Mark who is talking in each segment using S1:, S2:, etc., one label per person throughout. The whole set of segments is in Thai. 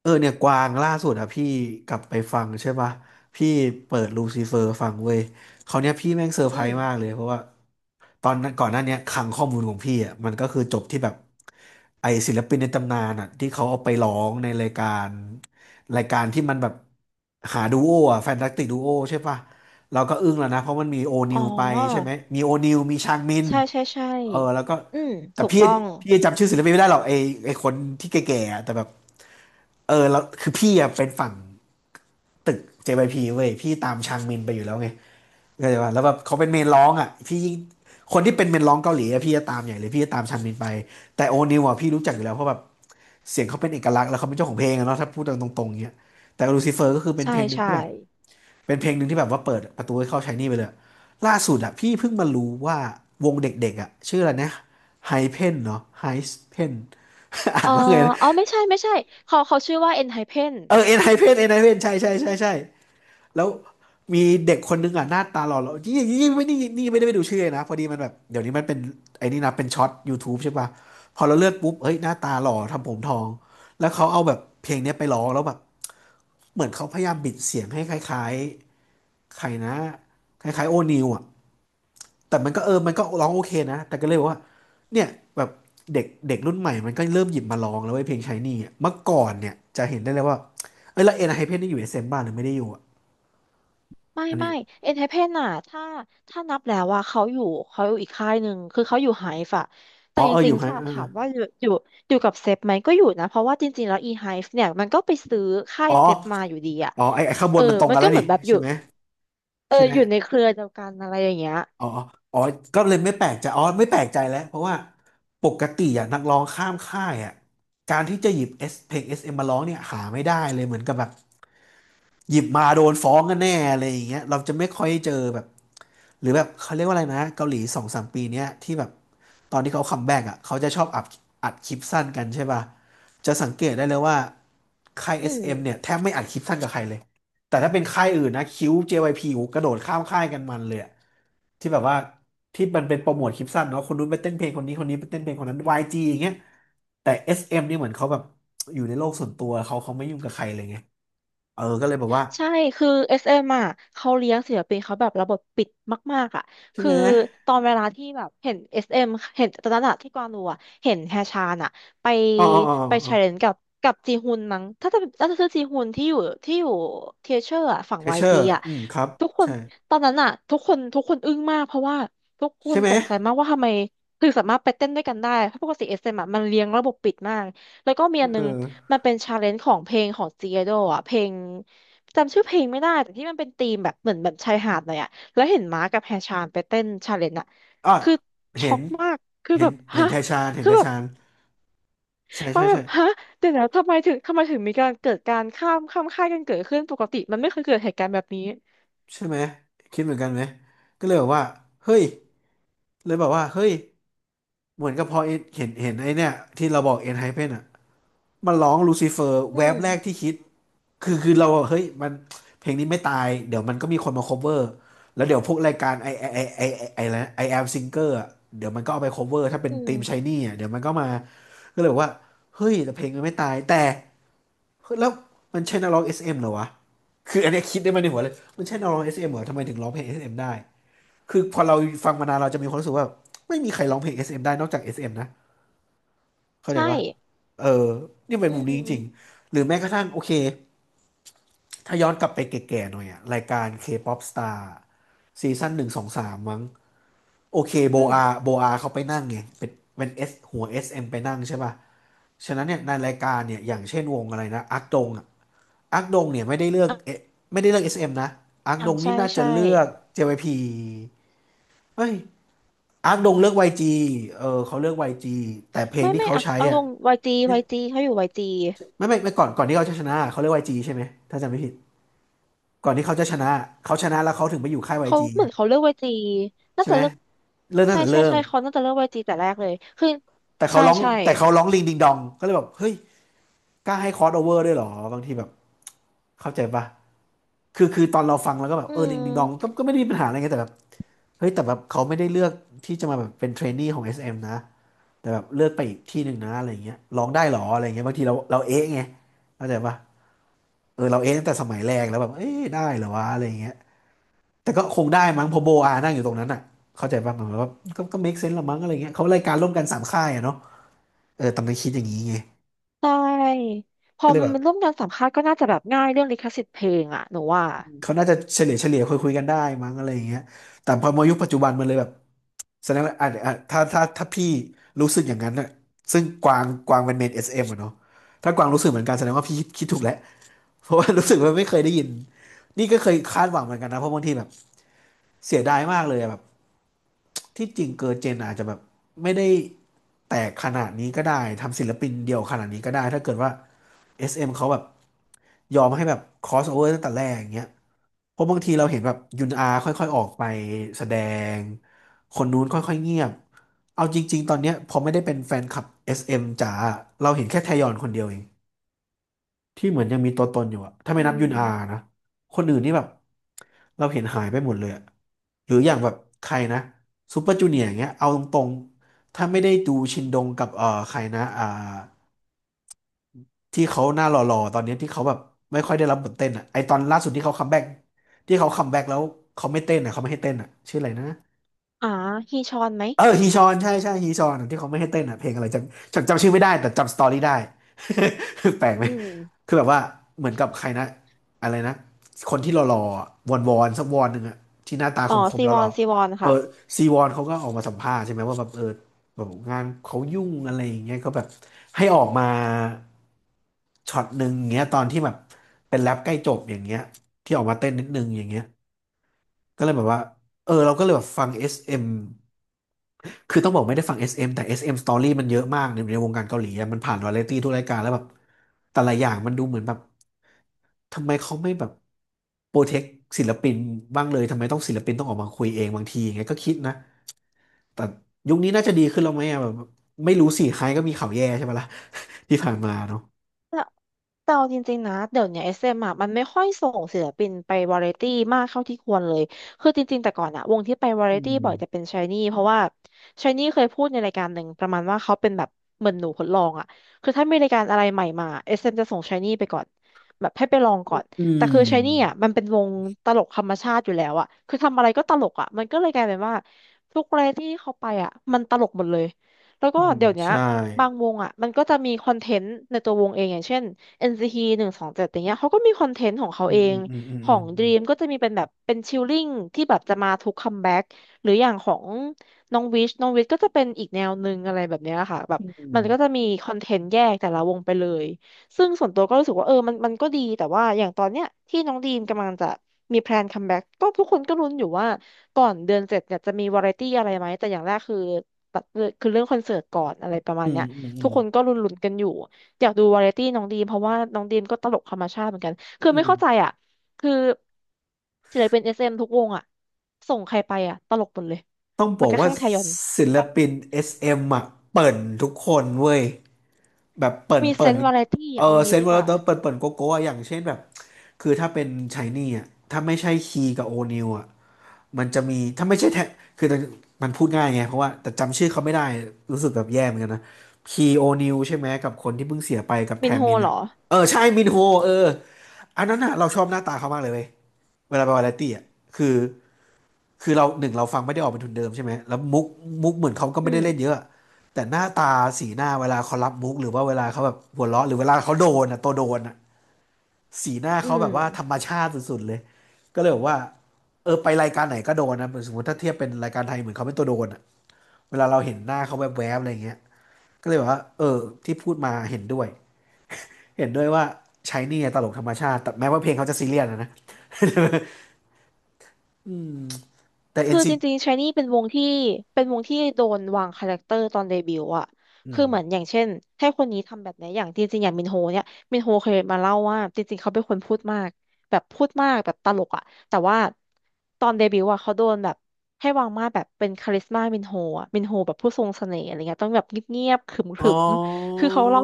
S1: เนี่ยกวางล่าสุดอะพี่กลับไปฟังใช่ปะพี่เปิดลูซิเฟอร์ฟังเว้ยเขาวเนี้ยพี่แม่งเซอร์ไพ
S2: อื
S1: ร
S2: ม
S1: ส์มากเลยเพราะว่าตอนนั้นก่อนหน้าเนี้ยคลังข้อมูลของพี่อะมันก็คือจบที่แบบไอศิลปินในตำนานอะที่เขาเอาไปร้องในรายการรายการที่มันแบบหาดูโออะแฟนตาสติกดูโอใช่ปะเราก็อึ้งแล้วนะเพราะมันมีโอนิ
S2: อ๋อ
S1: วไปใช่ไหมมีโอนิวมีชางมิน
S2: ใช่ใช่ใช่
S1: แล้วก็
S2: อืม
S1: แต่
S2: ถูก
S1: พี่
S2: ต้อง
S1: พี่จำชื่อศิลปินไม่ได้หรอกไอไอคนที่แก่ๆอะแต่แบบ แล้วคือพี่อะเป็นฝั่งตึก JYP เว้ยพี่ตามชางมินไปอยู่แล้วไงเข้าใจป่ะแล้วแบบเขาเป็นเมนร้องอ่ะพี่ยิ่งคนที่เป็นเมนร้องเกาหลีอะพี่จะตามใหญ่เลยพี่จะตามชางมินไปแต่โอนิวอะพี่รู้จักอยู่แล้วเพราะแบบเสียงเขาเป็นเอกลักษณ์แล้วเขาเป็นเจ้าของเพลงอะเนาะถ้าพูดตรงตรงเงี้ยแต่ลูซิเฟอร์ก็คือเป็น
S2: ใช่
S1: เพลงหนึ่ง
S2: ใช่
S1: ที่แบบเป็นเพลงหนึ่งที่แบบว่าเปิดประตูให้เข้าชายนี่ไปเลยล่าสุดอะพี่เพิ่งมารู้ว่าวงเด็กๆอะชื่ออะไรนะไฮเพนเนาะไฮเพน อ่า
S2: เอ
S1: น
S2: อ
S1: ว่าไงนะ
S2: อ๋อ ไม่ใช่ไม่ใช่เขาเขาชื่อว่า ENHYPEN ไฮเพ่น
S1: เอ็นไฮเพนเอ็นไฮเพนใช่ใช่ใช่ใช่ แล้วมีเด็กคนนึงอ่ะหน้าตาหล่อหล่อนี่นี่ไม่นี่นี่ไม่ได้ไปดูชื่อเลยนะพอดีมันแบบเดี๋ยวนี้มันเป็นไอ้นี่นะเป็นช็อต YouTube ใช่ป่ะพอเราเลือกปุ๊บเฮ้ยหน้าตาหล่อทำผมทองแล้วเขาเอาแบบเพลงเนี้ยไปร้องแล้วแบบเหมือนเขาพยายามบิดเสียงให้คล้ายๆใครนะคล้ายๆโอนิวอ่ะแต่มันก็มันก็ร้องโอเคนะแต่ก็เลยบอกว่าเนี่ยแบบเด็กเด็กรุ่นใหม่มันก็เริ่มหยิบมาร้องแล้วไอ้ยเพลงชายนี่อะเมื่อก่อนเนี่ยจะเห็นได้เลยว่าเอ้ยแล้วเอ็นไฮเพนนี่อยู่เอสเอ็มบ้านหรือไม่ได้อยู่อะ
S2: ไม่
S1: อันนี้
S2: ไม่ ENHYPEN นไฮเพ่นน่ะถ้าถ้านับแล้วว่าเขาอยู่เขาอยู่อีกค่ายหนึ่ง คือเขาอยู่ไฮฟอะแต่
S1: อ๋อ
S2: จ
S1: อ
S2: ริ
S1: ยู่
S2: ง
S1: ไฮ
S2: ๆถ้าถามว่าอยู่อยู่อยู่กับเซฟไหมก็อยู่นะ เพราะว่าจริงๆ แล้ว E-Hive เนี่ยมันก็ไปซื้อค่า
S1: อ๋
S2: ย
S1: อ
S2: เซฟมาอยู่ดีอะ
S1: อ๋อไอ้ไอ้ข้างบ
S2: เอ
S1: น
S2: อ
S1: มันตรง
S2: มัน
S1: กัน
S2: ก็
S1: แล้ว
S2: เหมื
S1: นี่
S2: อนแบบอ
S1: ใช่
S2: ยู่
S1: ไหม
S2: เออ
S1: ใช่ไหม
S2: อยู่ในเครือเดียวกันอะไรอย่างเงี้ย
S1: อ๋อ อ๋อ ก็เลยไม่แปลกใจอ๋อไม่แปลกใจแล้วเพราะว่าปกติอ่ะนักร้องข้ามค่ายอ่ะการที่จะหยิบเอสเพลงเอสเอ็มมาร้องเนี่ยหาไม่ได้เลยเหมือนกับแบบ หยิบมาโดนฟ้องกันแน่อะไรอย่างเงี้ยเราจะไม่ค่อยเจอแบบหรือแบบเขาเรียกว่าอะไรนะเกาหลีสองสามปีเนี้ยที่แบบตอนที่เขาคัมแบ็กอ่ะเขาจะชอบอัดอัดคลิปสั้นกันใช่ป่ะจะสังเกตได้เลยว่าค่าย
S2: อืม
S1: SM เอ็มเนี่ยแทบไม่อัดคลิปสั้นกับใครเลยแต่ถ้าเป็นค่ายอื่นนะคิว JYP โอ้โหกระโดดข้ามค่ายกันมันเลยอะที่แบบว่าที่มันเป็นโปรโมทคลิปสั้นเนาะคนนู้นไปเต้นเพลงคนนี้คนนี้ไปเต้นเพลงคนนั้นวายจีอย่างเงี้ยแต่เอสเอ็มนี่เหมือนเขาแบบอยู่ในโลกส่วนตัวเขาเขาไม่ยุ่งกับใครเลยไงก็เลยแบบว่า
S2: ใช่คือ SM อสเอ็มอ่ะเขาเลี้ยงศิลปินเขาแบบระบบปิดมากๆอ่ะ
S1: ใช่
S2: คือ
S1: ไหม
S2: ตอนเวลาที่แบบเห็น SM เอ็มเห็นตอนนั้นอะที่กวางดูอ่ะ เห็นแฮชานอ่ะไป
S1: อ๋ออ๋ออ๋อ
S2: ไปแช
S1: อ๋อ
S2: ร์เลนกับกับจีฮุนมั้งถ้าจะถ้าจะชื่อจีฮุนที่อยู่ที่อยู่เทเชอร์อะฝั่ง
S1: เท
S2: วา
S1: เช
S2: ย
S1: อ
S2: จี
S1: ร์
S2: อ่ะ
S1: อืมครับ
S2: ทุกคน
S1: ใช่
S2: ตอนนั้นอ่ะทุกคนทุกคนอึ้งมากเพราะว่าทุกค
S1: ใช่
S2: น
S1: ไหม
S2: ตกใจมากว่าทำไมคือสามารถไปเต้นด้วยกันได้เพราะปกติ SM อสเอ็มอะมันเลี้ยงระบบปิดมาก แล้วก็มีอัน
S1: เอ
S2: นึง
S1: อ
S2: มันเป็นชาเลนจ์ของเพลงของจีเอโดอ่ะเพลงจำชื่อเพลงไม่ได้แต่ที่มันเป็นธีมแบบเหมือนแบบชายหาดหน่อยอ่ะแล้วเห็นม้ากับแฮชานไปเต้นชาเลนจ์อ่ะ
S1: อ่ะ
S2: คือ
S1: เห็
S2: ช็อ
S1: น
S2: กมากคือ
S1: เห็
S2: แบ
S1: น
S2: บ
S1: เห็
S2: ฮะ
S1: นไทชานเห็น
S2: คือ
S1: ไท
S2: แบบ
S1: ชานใช่
S2: ก็
S1: ใช่
S2: แบ
S1: ใช่
S2: บฮะเดี๋ยวนะทำไมถึงทำไมถึงมีการเกิดการข้ามข้ามค่ายกันเกิดขึ้นปกติมันไม่เคยเกิดเหตุการณ์แบบนี้
S1: ใช่ไหมคิดเหมือนกันไหมก็เลยบอกว่าเฮ้ยเลยบอกว่าเฮ้ยเหมือนกับพอเห็นเห็นไอ้เนี่ยที่เราบอกเอ็นไฮเพนอ่ะ มันร้องลูซิเฟอร์
S2: อื
S1: แวบ
S2: ม
S1: แรกที่คิดคือคือเราเฮ้ยมันเพลงนี้ไม่ตายเดี๋ยวมันก็มีคนมา cover แล้วเดี๋ยวพวกรายการไอไอไอไอไอไอนะไอแอมซิงเกอร์เดี๋ยวมันก็เอาไป cover
S2: อื
S1: ถ้าเป็นที
S2: ม
S1: มชายนี่อะเดี๋ยวมันก็มาก็เลยบอกว่าเฮ้ยแต่เพลงมันไม่ตายแต่เฮ้ยแล้วมันใช่นักร้อง SM เอ็มเหรอวะคืออันเนี้ยคิดได้มาในหัวเลยมันใช่นักร้อง SM เอ็มเหรอทำไมถึงร้องเพลง SM ได้คือพอเราฟังมานานเราจะมีความรู้สึกว่าไม่มีใครร้องเพลงเอสเอ็มได้นอกจากเอสเอ็มนะ เข้าใจ
S2: ใช่
S1: ปะเออนี่เป็น
S2: อื
S1: มุมนี้จริง
S2: ม
S1: ๆ หรือแม้กระทั่งโอเค ถ้าย้อนกลับไปแก่ๆหน่อยอะรายการ K-pop Star ซีซั่นหนึ่งสองสามมั้งโอเคโบ
S2: อืม
S1: อาโบอาเขาไปนั่งไงเป็นเป็นเอสหัวเอสเอ็มไปนั่งใช่ป่ะฉะนั้นเนี่ยในรายการเนี่ยอย่างเช่นวงอะไรนะอักดงอะอักดงเนี่ยไม่ได้เลือกเอไม่ได้เลือกเอสเอ็มนะอัก
S2: อ่า
S1: ดงนี่
S2: ใช่
S1: น่าจะ
S2: ใช่
S1: เลือก JYP เฮ้ยอักดงเลือก YG เออเขาเลือกวายจีแต่เพลง
S2: ไม่
S1: ที่
S2: ไม่
S1: เขา
S2: อ่ะ
S1: ใช้
S2: เอาล
S1: อ่ะ
S2: งวาย y ีวายจีเขาอยู่ y ี
S1: ไม่ก่อนที่เขาจะชนะเขาเรียกวายจ g ใช่ไหมถ้าจำไม่ผิดก่อนที่เขาจะชนะเขาชนะแล้วเขาถึงไปอยู่ค่าย
S2: เขา
S1: YG
S2: เห
S1: ไง
S2: มือนเขาเลือกเวทีน่า
S1: ใช่
S2: จะ
S1: ไหม
S2: เลือก
S1: เริ่มตั้ง
S2: ใช่
S1: แต่
S2: ใช่
S1: เริ่ม
S2: ใช่เขาน่าจะเลือกเวทีแต่แรกเลยคือ
S1: แต่เขา
S2: ใช่
S1: ร้อง
S2: ใช่
S1: แต่เขาร้องลิงดิงดองก็เลยแบบเฮ้ยกล้าให้คอสโอเวอร์ด้วยเหรอบางทีแบบเข้าใจปะคือตอนเราฟังแล้วก็แบบ
S2: อื
S1: เออลิงดิงดอง
S2: ม
S1: ก็ไม่ได้มีปัญหาอะไรไงแต่แบบเฮ้ยแต่แบบเขาไม่ได้เลือกที่จะมาแบบเป็นเทรนนีของเอสเอ็มนะแต่แบบเลือกไปอีกที่หนึ่งนะอะไรอย่างเงี้ยร้องได้เหรออะไรอย่างเงี้ยบางทีเราเอ๊ะไงเข้าใจปะเออเราเอ๊ะตั้งแต่สมัยแรกแล้วแบบเอ๊ะได้เหรอวะอะไรอย่างเงี้ย แต่ก็คงได้มั้งเพอโบอานั่งอยู่ตรงนั้นอ่ะเข้าใจบ้ามัหมว่าก็ make sense ละมั้งอะไรเงี้ยเขารายการร่วมกันสามค่ายอะเนาะเออตอนนั้นคิดอย่างนี้ไง
S2: ใช่พ
S1: ก็
S2: อ
S1: เลย
S2: มัน
S1: แบบ
S2: เป็นร่วมงานสัมภาษณ์ก็น่าจะแบบง่ายเรื่องลิขสิทธิ์เพลงอะหนูว่า
S1: เขาน่าจะเฉลี่ยคุยกันได้มั้งอะไรอย่างเงี้ยแต่พอมายุคปัจจุบันมันเลยแบบแสดงว่าอ่ะถ้าพี่รู้สึกอย่างนั้นน่ะซึ่งกวางเป็นเมนเอสเอ็มอะเนาะถ้ากวางรู้สึกเหมือนกันแสดงว่าพี่คิดถูกแล้วเพราะว่า รู้สึกว่าไม่เคยได้ยินนี่ก็เคยคาดหวังเหมือนกันนะเพราะบางทีแบบเสียดายมากเลยอะแบบ ที่จริงเกิร์ลเจนอาจจะแบบไม่ได้แตกขนาดนี้ก็ได้ทำศิลปินเดียวขนาดนี้ก็ได้ถ้าเกิดว่า SM เอ็มเขาแบบยอมให้แบบ cross over ตั้งแต่แรกอย่างเงี้ยเพราะบางทีเราเห็นแบบยุนอาค่อยๆออกไปแสดงคนนู้นค่อยๆเงียบเอาจริงๆตอนเนี้ยพอไม่ได้เป็นแฟนคลับ SM จ๋าเราเห็นแค่แทยอนคนเดียวเอง ที่เหมือนยังมีตัวตนอยู่อะถ้าไม่
S2: อื
S1: นับยุนอา
S2: ม
S1: นะคนอื่นนี่แบบเราเห็นหายไปหมดเลยอะหรืออย่างแบบใครนะซูเปอร์จูเนียร์อย่างเงี้ยเอาตรงๆถ้าไม่ได้ดูชินดงกับใครนะที่เขาหน้าหล่อๆตอนเนี้ยที่เขาแบบไม่ค่อยได้รับบทเต้นอะไอตอนล่าสุดที่เขาคัมแบ็กที่เขาคัมแบ็กแล้วเขาไม่เต้นอะเขาไม่ให้เต้นอะชื่ออะไรนะ
S2: อ่าฮีชอนไหม
S1: เออฮีชอนใช่ใช่ฮีชอนที่เขาไม่ให้เต้นอ่ะเพลงอะไรจำชื่อไม่ได้แต่จำสตอรี่ได้ แปลกไหม
S2: อืม
S1: คือแบบว่าเหมือนกับใครนะอะไรนะคนที่หล่อๆอะวอนวอนสักวอนหนึ่งอ่ะที่หน้าตา
S2: อ๋
S1: ค
S2: อ
S1: ม
S2: ซี
S1: ๆห
S2: วอ
S1: ล่
S2: น
S1: อ
S2: ซีวอน
S1: ๆเอ
S2: ค่ะ
S1: อซีวอนเขาก็ออกมาสัมภาษณ์ใช่ไหมว่าแบบเออแบบงานเขายุ่งอะไรอย่างเงี้ยก็แบบให้ออกมาช็อตหนึ่งอย่างเงี้ยตอนที่แบบเป็นแรปใกล้จบอย่างเงี้ยที่ออกมาเต้นนิดนึงอย่างเงี้ยก็เลยแบบว่าเออเราก็เลยแบบฟัง SM คือต้องบอกไม่ได้ฟัง SM แต่ SM Story มันเยอะมากในในวงการเกาหลีอะมันผ่านวาไรตี้ทุกรายการแล้วแบบแต่ละอย่างมันดูเหมือนแบบทำไมเขาไม่แบบโปรเทคศิลปินบ้างเลยทำไมต้องศิลปินต้องออกมาคุยเองบางทีอย่างเงี้ยก็คิดนะแต่ยุคนี้น่าจะดีขึ้นแล้วไหมอะแบบไม่รู้สิใครก็มีข่าวแย่ใช่ไหมล่ะ ที่ผ่านมาเนาะ
S2: แต่แต่เอาจริงๆนะเดี๋ยวเนี้เอสเอ็มอะมันไม่ค่อยส่งศิลปินไปวาไรตี้มากเท่าที่ควรเลยคือจริงๆแต่ก่อนอะวงที่ไปวาไร
S1: อื
S2: ตี้
S1: ม
S2: บ่อยจะเป็นชายนี่เพราะว่าชายนี่เคยพูดในรายการหนึ่งประมาณว่าเขาเป็นแบบเหมือนหนูทดลองอะคือถ้ามีรายการอะไรใหม่มาเอสเอ็มจะส่งชายนี่ไปก่อนแบบให้ไปลองก่อน
S1: อื
S2: แต่คือชายนี่
S1: ม
S2: อะมันเป็นวงตลกธรรมชาติอยู่แล้วอะคือทำอะไรก็ตลกอะมันก็เลยกลายเป็นว่าทุกวาไรตี้เขาไปอะมันตลกหมดเลยแล้วก็
S1: อืม
S2: เดี๋ยวเนี้ย
S1: ใช่
S2: บางวงอ่ะมันก็จะมีคอนเทนต์ในตัววงเองอย่างเช่น NCT หนึ่งสองเจ็ดอย่างเงี้ยเขาก็มีคอนเทนต์ของเขา
S1: อื
S2: เอ
S1: มอื
S2: ง
S1: มอืมอื
S2: ขอ
S1: ม
S2: ง Dream ก็จะมีเป็นแบบเป็นชิลลิ่งที่แบบจะมาทุกคัมแบ็กหรืออย่างของน้องวิชน้องวิชก็จะเป็นอีกแนวหนึ่งอะไรแบบเนี้ยค่ะแบบ
S1: อืม
S2: มันก็จะมีคอนเทนต์แยกแต่ละวงไปเลยซึ่งส่วนตัวก็รู้สึกว่าเออมันมันก็ดีแต่ว่าอย่างตอนเนี้ยที่น้องดีมกำลังจะมีแพลนคัมแบ็กก็ทุกคนก็ลุ้นอยู่ว่าก่อนเดือนเจ็จเนี่ยจะมีวาไรตี้อะไรไหมแต่อย่างแรกคือ ตัดคือเรื่องคอนเสิร์ตก่อนอะไรประมา
S1: อื
S2: ณเนี้
S1: ม
S2: ย
S1: อืมอื
S2: ทุก
S1: ม
S2: คนก็ลุ้นๆกันอยู่อยากดูวาไรตี้น้องดีมเพราะว่าน้องดีมก็ตลกธรรมชาติเหมือนกันคือ
S1: อื
S2: ไม่
S1: ม
S2: เข้าใจอ่ะคือศิลปินเอสเอ็มทุกวงอ่ะส่งใครไปอ่ะตลกหมดเลย
S1: ต้องบ
S2: แม้
S1: อก
S2: กระ
S1: ว่า
S2: ทั่งไทยอน
S1: ศิลปิน SM อ่ะเปิ่นทุกคนเว้ยแบบเปิ่น
S2: มีเซ
S1: เปิ่น
S2: นส์วาไรตี้
S1: เออ
S2: เอา
S1: เซ
S2: งี้
S1: น
S2: ดี
S1: ต์วอ
S2: ก
S1: ล
S2: ว่า
S1: เตอร์เปิ่นเปิ่นโกโก้อะอย่างเช่นแบบคือถ้าเป็นชายนี่อ่ะถ้าไม่ใช่คีกับโอนิวอ่ะมันจะมีถ้าไม่ใช่แทคือมันพูดง่ายไงเพราะว่าแต่จำชื่อเขาไม่ได้รู้สึกแบบแย่เหมือนกันนะคีโอนิวใช่ไหมกับคนที่เพิ่งเสียไปกับแท
S2: มิน
S1: ม
S2: โฮ
S1: มิน
S2: เหร
S1: อ่ะ
S2: อ
S1: เออใช่มินโฮเอออันนั้นอ่ะเราชอบหน้าตาเขามากเลยเว้ยเวลาไปวาไรตี้อ่ะคือ คือเราหนึ่งเราฟังไม่ได้ออกเป็นทุนเดิมใช่ไหมแล้วมุกเหมือนเขาก็
S2: อื
S1: ไม่ได้
S2: ม
S1: เล่นเยอะแต่หน้าตาสีหน้าเวลาเขารับมุกหรือว่าเวลาเขาแบบหัวเราะหรือเวลาเขาโดนอ่ะตัวโดนอ่ะสีหน้า
S2: อื
S1: เขาแบบ
S2: ม
S1: ว่าธรรมชาติสุดๆเลยก็เลยบอกว่าเออไปรายการไหนก็โดนนะเหมือนสมมติถ้าเทียบเป็นรายการไทยเหมือนเขาเป็นตัวโดนอ่ะเวลาเราเห็นหน้าเขาแวบๆอะไรเงี้ยก็เลยบอกว่าเออที่พูดมาเห็นด้วยเห็นด้วยว่าใช้นี่ตลกธรรมชาติแต่แม้ว่าเพลงเขาจะซีเรียสนะนะ แต่ n อ
S2: คื
S1: น
S2: อ
S1: ซี
S2: จริงๆชายนี่เป็นวงที่เป็นวงที่โดนวางคาแรคเตอร์ตอนเดบิวต์อะ
S1: อื
S2: คือเหมือนอ
S1: ม
S2: ย่างเช่นให้คนนี้ทำแบบไหนอย่างจริงๆอย่างมินโฮเนี่ยมินโฮเคยมาเล่าว่าจริงๆเขาเป็นคนพูดมากแบบพูดมากแบบตลกอะแต่ว่าตอนเดบิวต์อะเขาโดนแบบให้วางมาตรแบบเป็นคาริสมามินโฮอะมินโฮแบบผู้ทรงเสน่ห์อะไรเงี้ยต้องแบบเงียบๆขร
S1: อ
S2: ึมๆ
S1: อ
S2: คือเขาเล่า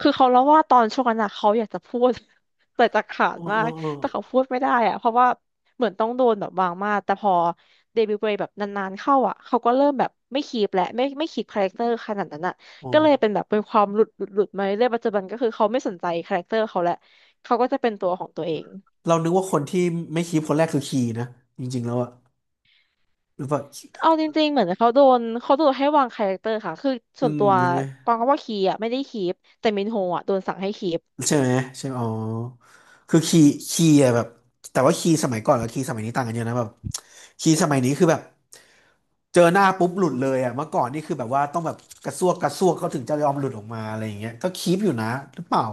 S2: คือเขาเล่าว่าตอนช่วงนั้นอะเขาอยากจะพูด แต่จะขาด
S1: อ๋อ
S2: มา
S1: อ๋อ
S2: ก
S1: อ๋อ
S2: แต่เขาพูดไม่ได้อะเพราะว่าเหมือนต้องโดนแบบวางมาตรแต่พอ เดบิวต์ไปแบบนานๆเข้าอ่ะเขาก็เริ่มแบบไม่คีปและไม่ไม่คีปคาแรคเตอร์ขนาดนั้นอ่ะ
S1: อ๋อ
S2: ก็เลยเป็นแบบเป็นความหลุดหลุดหลุดมาเรื่อยปัจจุบันก็คือเขาไม่สนใจคาแรคเตอร์เขาแล้วเขาก็จะเป็นตัวของตัวเอง
S1: เรานึกว่าคนที่ไม่คีปคนแรกคือคีนะจริงๆแล้วอะหรือว่า
S2: เอาจริงๆเหมือนเขาโดนเขาโดนให้วางคาแรคเตอร์ค่ะคือ
S1: อื
S2: ส่วน
S1: ม
S2: ตัว
S1: ใช่ไหม
S2: ปองก็ว่าคีอ่ะไม่ได้คีปแต่มินโฮอ่ะโดนสั่งให้คีป
S1: ใช่ไหมใช่อ๋อคือคีคีอะแบบแต่ว่าคีสมัยก่อนกับคีสมัยนี้ต่างกันเยอะนะแบบคีสมัยนี้คือแบบเจอหน้าปุ๊บหลุดเลยอะเมื่อก่อนนี่คือแบบว่าต้องแบบกระซวกเขาถึงจะยอมหลุดออกมาอะไรอย่างเงี้ยก็คีปอยู่นะหรือเปล่า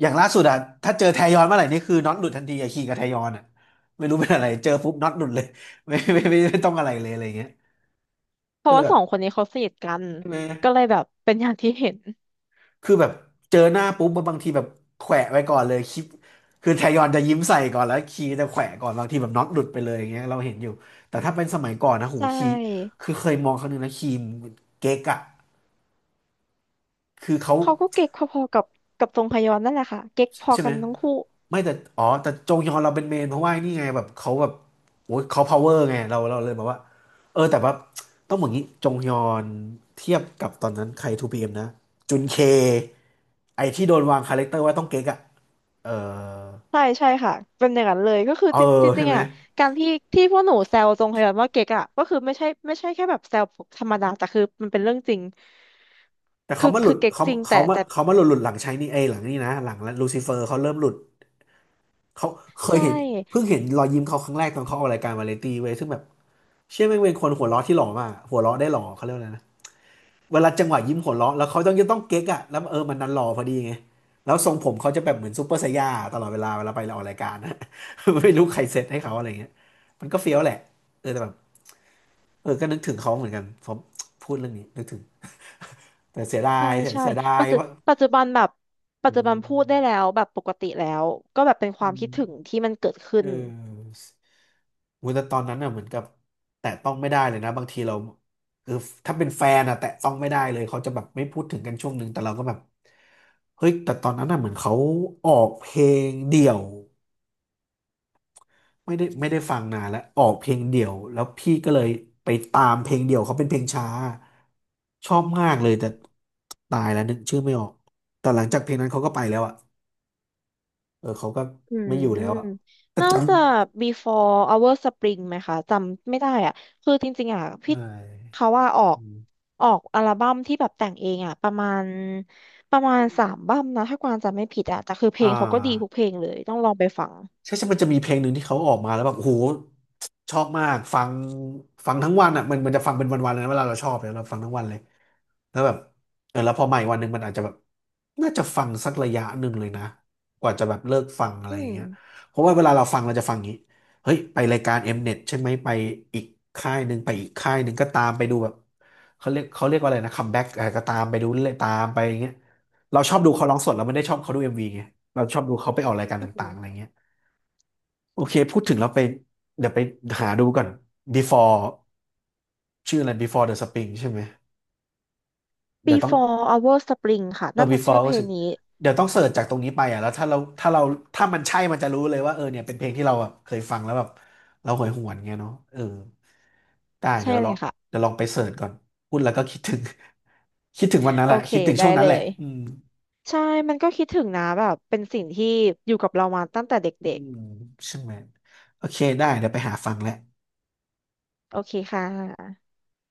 S1: อย่างล่าสุดอะถ้าเจอแทยอนเมื่อไหร่นี่คือน็อตหลุดทันทีอะคีกับแทยอนอะไม่รู้เป็นอะไรเจอปุ๊บน็อตหลุดเลยไม่ต้องอะไรเลยอะไรอย่างเงี้ย
S2: เพ
S1: ก็
S2: ราะ
S1: เลย
S2: ว่า
S1: แบ
S2: สอ
S1: บ
S2: งคนนี้เขาสนิทกัน
S1: ใช่ไหม
S2: ก็เลยแบบเป็นอย่างที่เห็น
S1: คือแบบเจอหน้าปุ๊บมันบางทีแบบแขวะไว้ก่อนเลยคลิปคือแทยอนจะยิ้มใส่ก่อนแล้วคีจะแขวะก่อนบางทีแบบน็อตหลุดไปเลยอย่างเงี้ยเราเห็นอยู่แต่ถ้าเป็นสมัยก่อนนะหู
S2: ใช
S1: คี
S2: ่
S1: คือเคยมองครั้งหนึงนะคีมเก๊กอะคือเขา
S2: เขาก็เก๊กพอๆกับกับทรงพยอนนั่นแหละค่ะเก๊กพอ
S1: ใช่ไห
S2: กั
S1: ม
S2: นทั้งคู่
S1: ไม่แต่อ๋อแต่จงยอนเราเป็นเมนเพราะว่านี่ไงแบบเขาแบบโอ้ยเขาพาวเวอร์ไงเราเลยแบบว่าเออแต่ว่าต้องบอกงี้จงยอนเทียบกับตอนนั้นใครทูพีเอ็มนะจุนเคไอที่โดนวางคาแรคเตอร์ว่าต้องเก๊กอะเออ
S2: ใช่ใช่ค่ะเป็นอย่างนั้นเลยก็คือ
S1: เออ
S2: จริงจ
S1: ใช่
S2: ริง
S1: ไห
S2: ๆ
S1: ม
S2: อ่ะการที่ที่พวกหนูแซวทรงพยาบาลว่าเก๊กอ่ะก็คือไม่ใช่ไม่ใช่แค่แบบแซวธรรมดาแต่คือมันเป็นเรื่องจริง
S1: แต่
S2: คื
S1: เขา
S2: อ
S1: มาหลุ
S2: คือ
S1: ด
S2: เก๊ก
S1: เขา
S2: จริงแต่
S1: เขามา
S2: แต่
S1: เขามาหลุดหลุดหลังใช้นี่เอยหลังนี่นะหลังลูซิเฟอร์เขาเริ่มหลุดเขาเคย
S2: ใช่
S1: เห็นเพิ่งเห็นรอยยิ้มเขาครั้งแรกตอนเขาออกรายการวาไรตี้เว้ยซึ่งแบบเชื่อแม่งเป็นคนหัวเราะที่หล่อมากหัวเราะได้หล่อเขาเรียกว่าอะไรนะเวลาจังหวะยิ้มหัวเราะแล้วเขาต้องจะต้องเก๊กอะแล้วเออมันดันหล่อพอดีไงแล้วทรงผมเขาจะแบบเหมือนซูเปอร์ไซย่าตลอดเวลาเวลาไปออกรายการนะ ไม่รู้ใครเซตให้เขาอะไรเงี้ยมันก็เฟี้ยวแหละเออแต่แบบเออก็นึกถึงเขาเหมือนกันผมพูดเรื่องนี้นึกถึงแต่เสียดา
S2: ใช่
S1: ยเสีย
S2: ใช่
S1: เสียดา
S2: ปั
S1: ย
S2: จจุ
S1: เพราะ
S2: ปัจจุบันแบบปัจจุบันพูดได้แล้วแบบปกติแล้วก็แบบเป็นค
S1: อื
S2: วามคิด
S1: ม
S2: ถึงที่มันเกิดขึ้
S1: เ
S2: น
S1: ออโอ้ยแต่ตอนนั้นน่ะเหมือนกับแตะต้องไม่ได้เลยนะบางทีเราคือถ้าเป็นแฟนอะแตะต้องไม่ได้เลยเขาจะแบบไม่พูดถึงกันช่วงหนึ่งแต่เราก็แบบเฮ้ยแต่ตอนนั้นน่ะเหมือนเขาออกเพลงเดี่ยวไม่ได้ฟังนานแล้วออกเพลงเดี่ยวแล้วพี่ก็เลยไปตามเพลงเดี่ยวเขาเป็นเพลงช้าชอบมากเลยแต่ตายแล้วนึกชื่อไม่ออกแต่หลังจากเพลงนั้นเขาก็ไปแล้วอะเออเขาก็
S2: อื
S1: ไม่อยู่แล้วอะ
S2: ม
S1: แต่
S2: น่า
S1: จ
S2: จะ before our spring ไหมคะจำไม่ได้อ่ะ คือจริงๆอ่ะ
S1: ำ
S2: พี่
S1: ใช่
S2: เขาว่าออกออกอัลบั้มที่แบบแต่งเองอ่ะประมาณประมาณสามบั้มนะถ้ากวางจำไม่ผิดอ่ะแต่คือเพล
S1: อ่
S2: งเขาก็ดีทุก
S1: า
S2: เพลงเลยต้องลองไปฟัง
S1: ใช่ใช่มันจะมีเพลงหนึ่งที่เขาออกมาแล้วแบบโอ้โหชอบมาก ฟัง ฟังทั้งวันอ่ะ มันจะฟังเป็นวันๆเลยนะเวลาเราชอบเนี่ยเราฟังทั้งวันเลย แล้วแบบเออแล้วพอใหม่วันหนึ่งมันอาจจะแบบน่าจะฟังสักระยะหนึ่งเลยนะกว่าจะแบบเลิกฟังอะไร
S2: อื
S1: อย่าง
S2: ม
S1: เงี้ยเพราะว่าเวลาเราฟังเราจะฟังอย่างงี้เฮ้ยไปรายการเ n e ตใช่ไหมไปอีกค่ายหนึ่งไปอีกค่ายหนึ่งก็ตามไปดูแบบเขาเรียกว่าอะไรนะคัมแบ็กอะไรก็ตามไปดูเรื่อยๆตามไปอย่างเงี้ยเราชอบดูเขาร้องสดเราไม่ได้ชอบเขาดูเอ็มวีไงเราชอบดูเขาไปออกรายการ
S2: อื
S1: ต่างๆ
S2: ม
S1: อะไรเงี้ยโอเคพูดถึงแล้วไปเดี๋ยวไปหาดูก่อน Before ชื่ออะไร Before the Spring ใช่ไหมเดี๋ยวต้อง
S2: Before Our Spring ค่ะ
S1: เออ
S2: น่าจะชื่
S1: before
S2: อ
S1: ก็
S2: เพล
S1: รู้สึ
S2: ง
S1: ก
S2: นี้
S1: เดี๋ยวต้องเสิร์ชจากตรงนี้ไปอ่ะแล้วถ้าเราถ้ามันใช่มันจะรู้เลยว่าเออเนี่ยเป็นเพลงที่เราแบบเคยฟังแล้วแบบเราหวยหวนเงี้ยเนาะเออ ได้
S2: ใช่
S1: เดี๋ยวล
S2: เล
S1: อง
S2: ยค่ะ
S1: เดี๋ยวลองไปเสิร์ชก่อน พูดแล้วก็คิดถึง คิดถึงวันนั้น
S2: โอ
S1: แหละ
S2: เค
S1: คิดถึง
S2: ได้
S1: ช่วงนั้
S2: เล
S1: นแหละ
S2: ย
S1: อืม
S2: ใช่มันก็คิดถึงนะแบบเป็นสิ่งที่อยู่กับเรามาตั้งแต่เด็
S1: อื
S2: ก
S1: มใช่ไหมโอเคได้เดี๋ยวไปหาฟังแหละ
S2: ๆโอเคค่ะ